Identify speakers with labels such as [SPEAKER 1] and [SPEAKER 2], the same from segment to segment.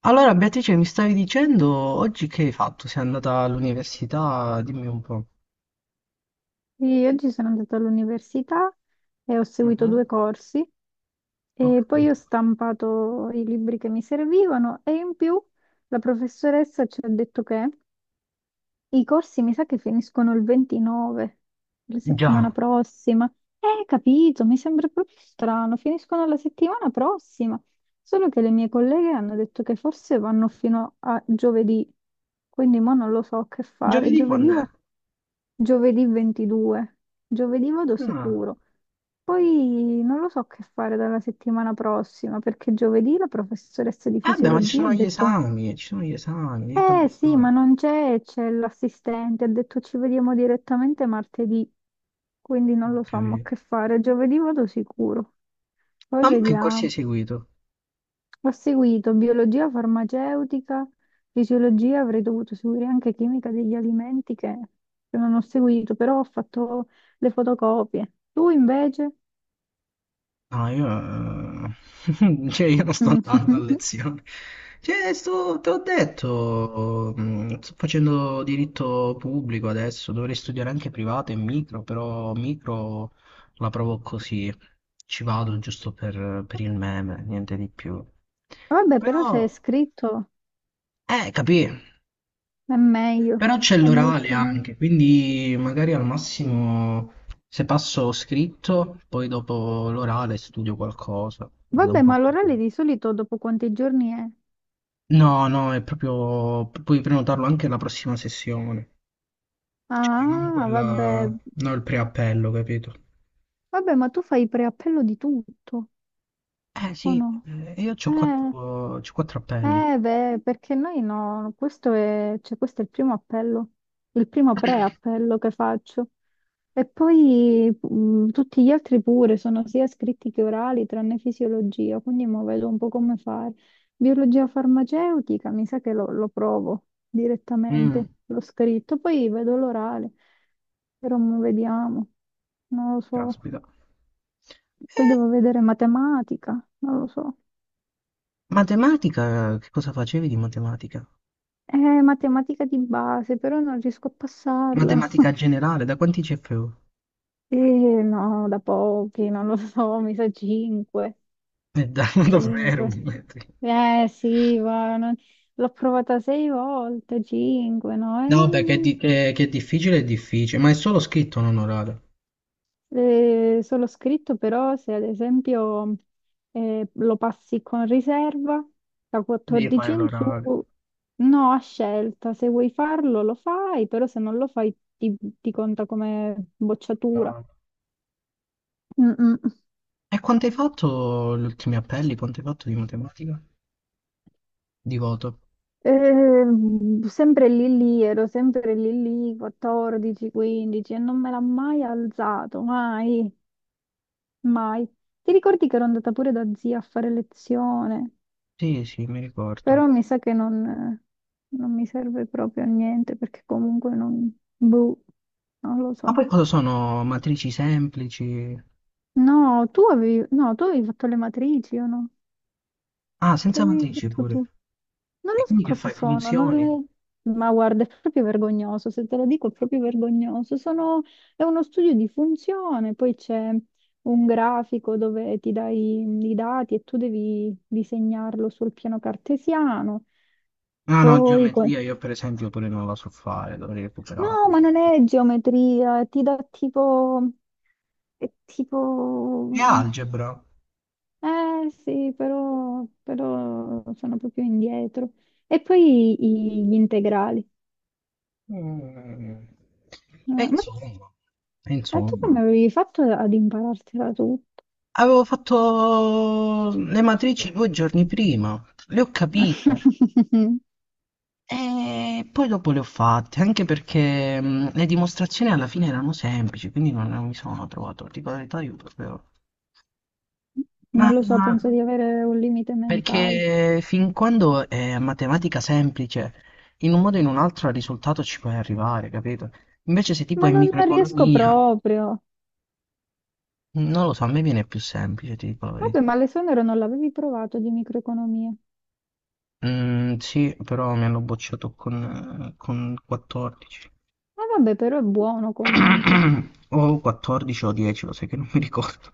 [SPEAKER 1] Allora, Beatrice, mi stavi dicendo oggi che hai fatto? Sei andata all'università? Dimmi un po'.
[SPEAKER 2] Sì, oggi sono andata all'università e ho seguito due
[SPEAKER 1] Mhm.
[SPEAKER 2] corsi
[SPEAKER 1] Ho
[SPEAKER 2] e poi ho
[SPEAKER 1] capito.
[SPEAKER 2] stampato i libri che mi servivano e in più la professoressa ci ha detto che i corsi mi sa che finiscono il 29, la settimana
[SPEAKER 1] Già.
[SPEAKER 2] prossima. Capito, mi sembra proprio strano, finiscono la settimana prossima. Solo che le mie colleghe hanno detto che forse vanno fino a giovedì, quindi mo non lo so che fare.
[SPEAKER 1] Giovedì
[SPEAKER 2] Giovedì,
[SPEAKER 1] quando è?
[SPEAKER 2] giovedì 22, giovedì vado
[SPEAKER 1] Ah.
[SPEAKER 2] sicuro. Poi non lo so che fare dalla settimana prossima, perché giovedì la professoressa di
[SPEAKER 1] Eh beh, ma ci
[SPEAKER 2] fisiologia ha
[SPEAKER 1] sono gli
[SPEAKER 2] detto.
[SPEAKER 1] esami, ci sono gli esami, io quando
[SPEAKER 2] Eh sì, ma
[SPEAKER 1] esami.
[SPEAKER 2] non c'è, c'è l'assistente, ha detto ci vediamo direttamente martedì, quindi non
[SPEAKER 1] Ho
[SPEAKER 2] lo so, ma
[SPEAKER 1] capito.
[SPEAKER 2] che fare, giovedì vado sicuro. Poi
[SPEAKER 1] Ma mo che corsi
[SPEAKER 2] vediamo.
[SPEAKER 1] hai seguito?
[SPEAKER 2] Ho seguito biologia farmaceutica, fisiologia, avrei dovuto seguire anche chimica degli alimenti che non ho seguito, però ho fatto le fotocopie. Tu invece?
[SPEAKER 1] No, io... cioè, io non sto andando a
[SPEAKER 2] Mm.
[SPEAKER 1] lezione. Cioè, te l'ho detto, sto facendo diritto pubblico adesso, dovrei studiare anche privato e micro, però micro la provo così, ci vado giusto per il meme, niente di più.
[SPEAKER 2] Vabbè, però se è
[SPEAKER 1] Però,
[SPEAKER 2] scritto
[SPEAKER 1] capì?
[SPEAKER 2] è meglio,
[SPEAKER 1] Però c'è
[SPEAKER 2] è
[SPEAKER 1] l'orale
[SPEAKER 2] molto meglio.
[SPEAKER 1] anche, quindi magari al massimo se passo scritto, poi dopo l'orale studio qualcosa, vedo un
[SPEAKER 2] Vabbè,
[SPEAKER 1] po',
[SPEAKER 2] ma l'orale
[SPEAKER 1] così.
[SPEAKER 2] di solito dopo quanti giorni è?
[SPEAKER 1] No, no, è proprio, puoi prenotarlo anche la prossima sessione. Cioè, non
[SPEAKER 2] Ah,
[SPEAKER 1] quella...
[SPEAKER 2] vabbè.
[SPEAKER 1] non il preappello, capito?
[SPEAKER 2] Vabbè, ma tu fai preappello di tutto,
[SPEAKER 1] Eh
[SPEAKER 2] o
[SPEAKER 1] sì,
[SPEAKER 2] no?
[SPEAKER 1] io ho
[SPEAKER 2] Eh.
[SPEAKER 1] quattro, c'ho quattro appelli.
[SPEAKER 2] Eh beh, perché noi no, questo è, cioè, questo è il primo appello, il primo pre-appello che faccio. E poi tutti gli altri pure sono sia scritti che orali, tranne fisiologia, quindi mo vedo un po' come fare. Biologia farmaceutica, mi sa che lo provo
[SPEAKER 1] Mm,
[SPEAKER 2] direttamente, l'ho scritto, poi vedo l'orale, però mo vediamo, non lo so.
[SPEAKER 1] caspita.
[SPEAKER 2] Poi
[SPEAKER 1] Eh,
[SPEAKER 2] devo vedere matematica, non lo so.
[SPEAKER 1] matematica, che cosa facevi di matematica?
[SPEAKER 2] È matematica di base, però non riesco a passarla.
[SPEAKER 1] Matematica generale, da quanti CFU?
[SPEAKER 2] Eh, no, da pochi, non lo so, mi sa 5.
[SPEAKER 1] Davvero,
[SPEAKER 2] 5.
[SPEAKER 1] metri.
[SPEAKER 2] Eh sì, ma l'ho provata sei volte, 5, no?
[SPEAKER 1] No, vabbè, che, è di- che- che è difficile, ma è solo scritto, non orale.
[SPEAKER 2] Solo scritto, però se ad esempio lo passi con riserva, da
[SPEAKER 1] Devi
[SPEAKER 2] 14
[SPEAKER 1] fare
[SPEAKER 2] in su,
[SPEAKER 1] l'orale.
[SPEAKER 2] no, a scelta, se vuoi farlo lo fai, però se non lo fai ti conta come bocciatura.
[SPEAKER 1] Ah,
[SPEAKER 2] Mm, mm.
[SPEAKER 1] e quanto hai fatto gli ultimi appelli? Quanto hai fatto di matematica? Di voto?
[SPEAKER 2] Sempre lì lì, ero sempre lì lì, 14, 15 e non me l'ha mai alzato, mai, mai. Ti ricordi che ero andata pure da zia a fare lezione,
[SPEAKER 1] Sì, sì, mi ricordo.
[SPEAKER 2] però mi sa che non mi serve proprio a niente perché comunque non, boh, non lo
[SPEAKER 1] Ma
[SPEAKER 2] so.
[SPEAKER 1] poi cosa sono matrici semplici?
[SPEAKER 2] No, tu avevi, no, tu avevi fatto le matrici o no?
[SPEAKER 1] Ah,
[SPEAKER 2] Che
[SPEAKER 1] senza
[SPEAKER 2] avevi
[SPEAKER 1] matrici
[SPEAKER 2] detto tu?
[SPEAKER 1] pure.
[SPEAKER 2] Non
[SPEAKER 1] E
[SPEAKER 2] lo so
[SPEAKER 1] quindi che
[SPEAKER 2] cosa
[SPEAKER 1] fai?
[SPEAKER 2] sono, non
[SPEAKER 1] Funzioni?
[SPEAKER 2] le. Ma guarda, è proprio vergognoso, se te lo dico è proprio vergognoso. Sono. È uno studio di funzione, poi c'è un grafico dove ti dai i dati e tu devi disegnarlo sul piano cartesiano.
[SPEAKER 1] No, no,
[SPEAKER 2] Poi.
[SPEAKER 1] geometria io per esempio pure non la so fare, dovrei recuperare.
[SPEAKER 2] No, ma non è geometria, ti dà tipo. È tipo.
[SPEAKER 1] E algebra?
[SPEAKER 2] Eh sì, però sono proprio indietro. E poi gli integrali.
[SPEAKER 1] Mm. E
[SPEAKER 2] Ma,
[SPEAKER 1] insomma, e
[SPEAKER 2] ma tu come
[SPEAKER 1] insomma.
[SPEAKER 2] avevi fatto ad imparartela tutto?
[SPEAKER 1] Avevo fatto le matrici 2 giorni prima, le ho capite e poi dopo le ho fatte, anche perché le dimostrazioni alla fine erano semplici, quindi non mi sono trovato, tipo la verità io proprio.
[SPEAKER 2] Non
[SPEAKER 1] Ma
[SPEAKER 2] lo so, penso di avere un limite mentale.
[SPEAKER 1] perché fin quando è matematica semplice, in un modo o in un altro al risultato ci puoi arrivare, capito? Invece se tipo
[SPEAKER 2] Ma
[SPEAKER 1] è
[SPEAKER 2] non riesco
[SPEAKER 1] microeconomia,
[SPEAKER 2] proprio.
[SPEAKER 1] non lo so, a me viene più semplice, ti dico la
[SPEAKER 2] Vabbè,
[SPEAKER 1] verità.
[SPEAKER 2] ma l'esonero non l'avevi provato di microeconomia.
[SPEAKER 1] Mm, sì, però mi hanno bocciato con 14.
[SPEAKER 2] Ah, vabbè, però è buono comunque.
[SPEAKER 1] O 14 o 10, lo sai che non mi ricordo.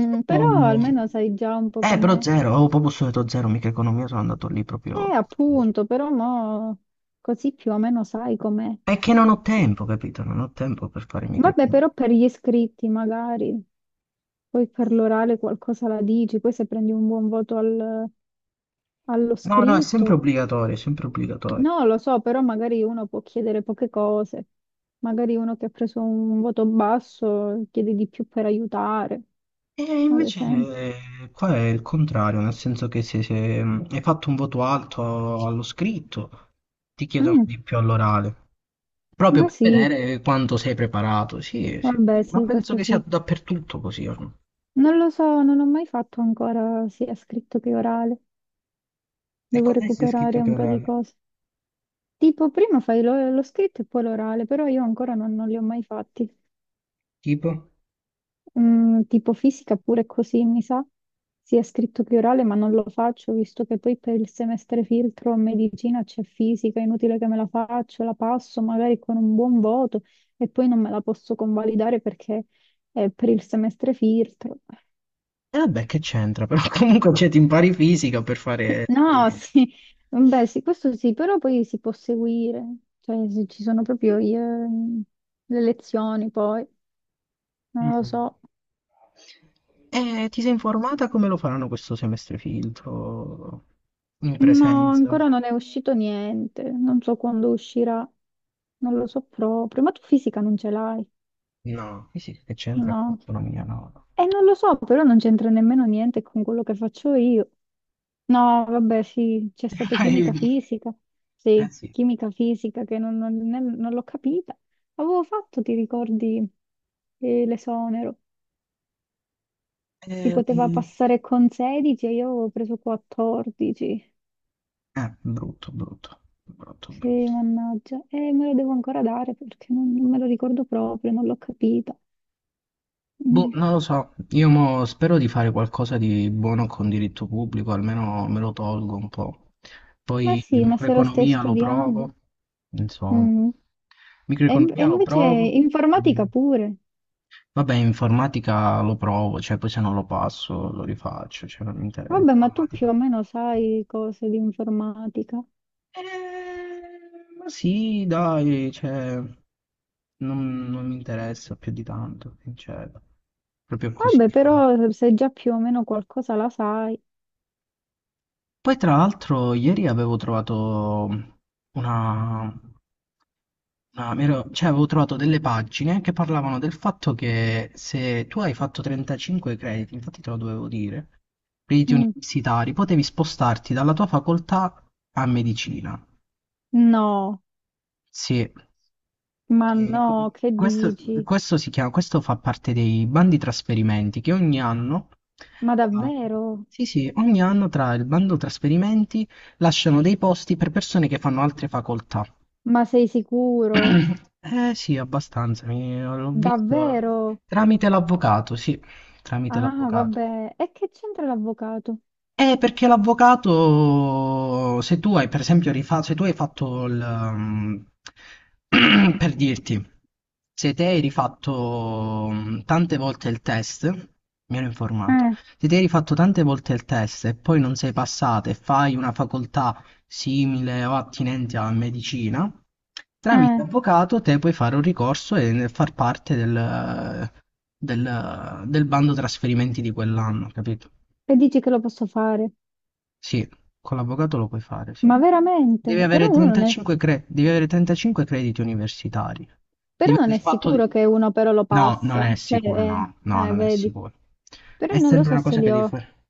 [SPEAKER 2] Mm, però
[SPEAKER 1] Oh,
[SPEAKER 2] almeno sai già un po'
[SPEAKER 1] però
[SPEAKER 2] com'è.
[SPEAKER 1] zero, avevo proprio studiato zero microeconomia, sono andato lì proprio.
[SPEAKER 2] Appunto, però mo così più o meno sai com'è.
[SPEAKER 1] È che non ho tempo, capito? Non ho tempo per fare i
[SPEAKER 2] Vabbè,
[SPEAKER 1] microfilm.
[SPEAKER 2] però per gli iscritti magari, poi per l'orale qualcosa la dici, poi se prendi un buon voto allo
[SPEAKER 1] No, no, è sempre
[SPEAKER 2] scritto,
[SPEAKER 1] obbligatorio, è sempre obbligatorio.
[SPEAKER 2] no, lo so, però magari uno può chiedere poche cose, magari uno che ha preso un voto basso chiede di più per aiutare,
[SPEAKER 1] E
[SPEAKER 2] ad
[SPEAKER 1] invece
[SPEAKER 2] esempio.
[SPEAKER 1] qua è il contrario, nel senso che se, hai fatto un voto alto allo scritto, ti chiedono
[SPEAKER 2] Mm,
[SPEAKER 1] di più all'orale, proprio
[SPEAKER 2] ma
[SPEAKER 1] per
[SPEAKER 2] sì,
[SPEAKER 1] vedere quanto sei preparato. Sì, sì.
[SPEAKER 2] vabbè,
[SPEAKER 1] Ma
[SPEAKER 2] sì,
[SPEAKER 1] penso
[SPEAKER 2] questo
[SPEAKER 1] che sia
[SPEAKER 2] sì.
[SPEAKER 1] dappertutto così ormai.
[SPEAKER 2] Non lo so, non ho mai fatto ancora sia scritto che orale,
[SPEAKER 1] E
[SPEAKER 2] devo
[SPEAKER 1] cos'è sia scritto
[SPEAKER 2] recuperare
[SPEAKER 1] che
[SPEAKER 2] un po' di
[SPEAKER 1] orale?
[SPEAKER 2] cose. Tipo, prima fai lo scritto e poi l'orale, però io ancora non li ho mai fatti.
[SPEAKER 1] Tipo?
[SPEAKER 2] Mm, tipo fisica pure così, mi sa, sia scritto che orale, ma non lo faccio, visto che poi per il semestre filtro a medicina c'è fisica, è inutile che me la faccio, la passo magari con un buon voto e poi non me la posso convalidare perché è per il semestre filtro.
[SPEAKER 1] E vabbè, che c'entra, però comunque cioè, ti impari fisica per fare
[SPEAKER 2] No,
[SPEAKER 1] poesia.
[SPEAKER 2] sì, beh, sì, questo sì, però poi si può seguire, cioè se ci sono proprio le lezioni poi, non lo
[SPEAKER 1] Mm.
[SPEAKER 2] so.
[SPEAKER 1] E ti sei informata come lo faranno questo semestre filtro in
[SPEAKER 2] No,
[SPEAKER 1] presenza?
[SPEAKER 2] ancora non è uscito niente, non so quando uscirà, non lo so proprio, ma tu fisica non ce l'hai,
[SPEAKER 1] No, sì, sì, che c'entra con
[SPEAKER 2] no?
[SPEAKER 1] l'economia, no.
[SPEAKER 2] E non lo so, però non c'entra nemmeno niente con quello che faccio io. No, vabbè, sì, c'è stato chimica
[SPEAKER 1] No.
[SPEAKER 2] fisica,
[SPEAKER 1] Eh
[SPEAKER 2] sì,
[SPEAKER 1] sì.
[SPEAKER 2] chimica fisica che non l'ho capita. Avevo fatto, ti ricordi, l'esonero? Si
[SPEAKER 1] Eh,
[SPEAKER 2] poteva
[SPEAKER 1] eh,
[SPEAKER 2] passare con 16 e io avevo preso 14.
[SPEAKER 1] brutto, brutto, brutto,
[SPEAKER 2] Sì,
[SPEAKER 1] brutto.
[SPEAKER 2] mannaggia. E me lo devo ancora dare perché non me lo ricordo proprio, non l'ho capita.
[SPEAKER 1] Boh,
[SPEAKER 2] Mm.
[SPEAKER 1] non lo so, io mo spero di fare qualcosa di buono con diritto pubblico, almeno me lo tolgo un po'.
[SPEAKER 2] Ma
[SPEAKER 1] Poi
[SPEAKER 2] sì, ma se lo stai
[SPEAKER 1] microeconomia lo
[SPEAKER 2] studiando.
[SPEAKER 1] provo, insomma.
[SPEAKER 2] Mm. E
[SPEAKER 1] Microeconomia lo
[SPEAKER 2] invece
[SPEAKER 1] provo,
[SPEAKER 2] informatica
[SPEAKER 1] dimmi.
[SPEAKER 2] pure.
[SPEAKER 1] Vabbè, in informatica lo provo, cioè poi se non lo passo lo rifaccio, cioè non mi interessa.
[SPEAKER 2] Vabbè, ma tu più
[SPEAKER 1] Informatica.
[SPEAKER 2] o meno sai cose di informatica.
[SPEAKER 1] Ma sì, dai, cioè, non mi interessa più di tanto, cioè, proprio così.
[SPEAKER 2] Vabbè, però se già più o meno qualcosa la sai.
[SPEAKER 1] Poi tra l'altro ieri avevo trovato una, cioè avevo trovato delle pagine che parlavano del fatto che se tu hai fatto 35 crediti, infatti te lo dovevo dire, riti
[SPEAKER 2] Mm.
[SPEAKER 1] universitari, potevi spostarti dalla tua facoltà a medicina.
[SPEAKER 2] No,
[SPEAKER 1] Sì,
[SPEAKER 2] ma
[SPEAKER 1] e
[SPEAKER 2] no, che
[SPEAKER 1] questo,
[SPEAKER 2] dici?
[SPEAKER 1] questo si chiama, questo fa parte dei bandi trasferimenti che ogni anno,
[SPEAKER 2] Ma
[SPEAKER 1] eh,
[SPEAKER 2] davvero?
[SPEAKER 1] sì, sì, ogni anno tra il bando trasferimenti lasciano dei posti per persone che fanno altre facoltà.
[SPEAKER 2] Ma sei sicuro?
[SPEAKER 1] Eh sì, abbastanza, l'ho visto
[SPEAKER 2] Davvero?
[SPEAKER 1] tramite l'avvocato, sì, tramite
[SPEAKER 2] Ah,
[SPEAKER 1] l'avvocato.
[SPEAKER 2] vabbè. E che c'entra l'avvocato?
[SPEAKER 1] Perché l'avvocato, se tu hai per esempio rifatto, se tu hai fatto il, per dirti, se te hai rifatto tante volte il test, mi ero informato,
[SPEAKER 2] Eh.
[SPEAKER 1] se te hai rifatto tante volte il test e poi non sei passato e fai una facoltà simile o attinente alla medicina, tramite
[SPEAKER 2] Eh,
[SPEAKER 1] avvocato te puoi fare un ricorso e far parte del bando trasferimenti di quell'anno, capito?
[SPEAKER 2] e dici che lo posso fare?
[SPEAKER 1] Sì, con l'avvocato lo puoi fare, sì.
[SPEAKER 2] Ma
[SPEAKER 1] Devi
[SPEAKER 2] veramente?
[SPEAKER 1] avere
[SPEAKER 2] Però uno non è,
[SPEAKER 1] 35, devi avere 35 crediti universitari.
[SPEAKER 2] però
[SPEAKER 1] Devi
[SPEAKER 2] non è
[SPEAKER 1] aver fatto di.
[SPEAKER 2] sicuro che uno però lo
[SPEAKER 1] No, non
[SPEAKER 2] passa.
[SPEAKER 1] è
[SPEAKER 2] Cioè,
[SPEAKER 1] sicuro, no, no, non è
[SPEAKER 2] vedi.
[SPEAKER 1] sicuro.
[SPEAKER 2] Però
[SPEAKER 1] È
[SPEAKER 2] io non lo
[SPEAKER 1] sempre
[SPEAKER 2] so
[SPEAKER 1] una
[SPEAKER 2] se
[SPEAKER 1] cosa che
[SPEAKER 2] li
[SPEAKER 1] devi
[SPEAKER 2] ho.
[SPEAKER 1] fare.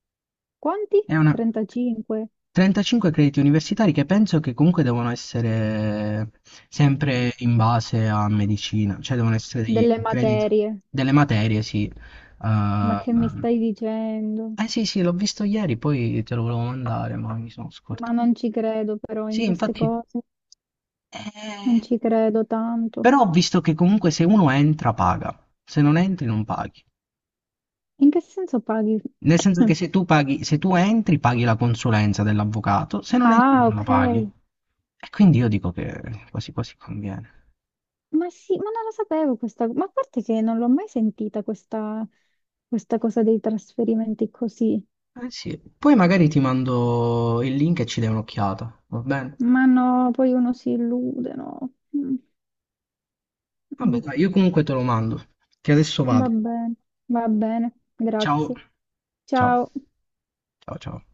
[SPEAKER 2] Quanti?
[SPEAKER 1] È una.
[SPEAKER 2] 35
[SPEAKER 1] 35 crediti universitari che penso che comunque devono essere sempre in base a medicina, cioè devono essere dei
[SPEAKER 2] delle
[SPEAKER 1] crediti,
[SPEAKER 2] materie.
[SPEAKER 1] delle materie, sì.
[SPEAKER 2] Ma
[SPEAKER 1] eh
[SPEAKER 2] che mi stai dicendo?
[SPEAKER 1] eh sì, sì, l'ho visto ieri, poi te lo volevo mandare, ma mi sono
[SPEAKER 2] Ma
[SPEAKER 1] scordato.
[SPEAKER 2] non ci credo però in
[SPEAKER 1] Sì,
[SPEAKER 2] queste
[SPEAKER 1] infatti
[SPEAKER 2] cose.
[SPEAKER 1] ehm,
[SPEAKER 2] Non ci credo tanto.
[SPEAKER 1] però ho visto che comunque se uno entra paga, se non entri non paghi.
[SPEAKER 2] In che senso paghi?
[SPEAKER 1] Nel senso che se tu paghi, se tu entri paghi la consulenza dell'avvocato, se non entri
[SPEAKER 2] Ah,
[SPEAKER 1] non la
[SPEAKER 2] ok.
[SPEAKER 1] paghi. E quindi io dico che quasi quasi conviene.
[SPEAKER 2] Ma sì, ma non lo sapevo questa, ma a parte che non l'ho mai sentita questa cosa dei trasferimenti così.
[SPEAKER 1] Eh sì, poi magari ti mando il link e ci dai un'occhiata, va bene?
[SPEAKER 2] Ma no, poi uno si illude, no. Mm,
[SPEAKER 1] Vabbè,
[SPEAKER 2] mm.
[SPEAKER 1] dai, io comunque te lo mando, che adesso
[SPEAKER 2] Va
[SPEAKER 1] vado.
[SPEAKER 2] bene, va bene,
[SPEAKER 1] Ciao.
[SPEAKER 2] grazie.
[SPEAKER 1] Ciao.
[SPEAKER 2] Ciao.
[SPEAKER 1] Ciao, ciao.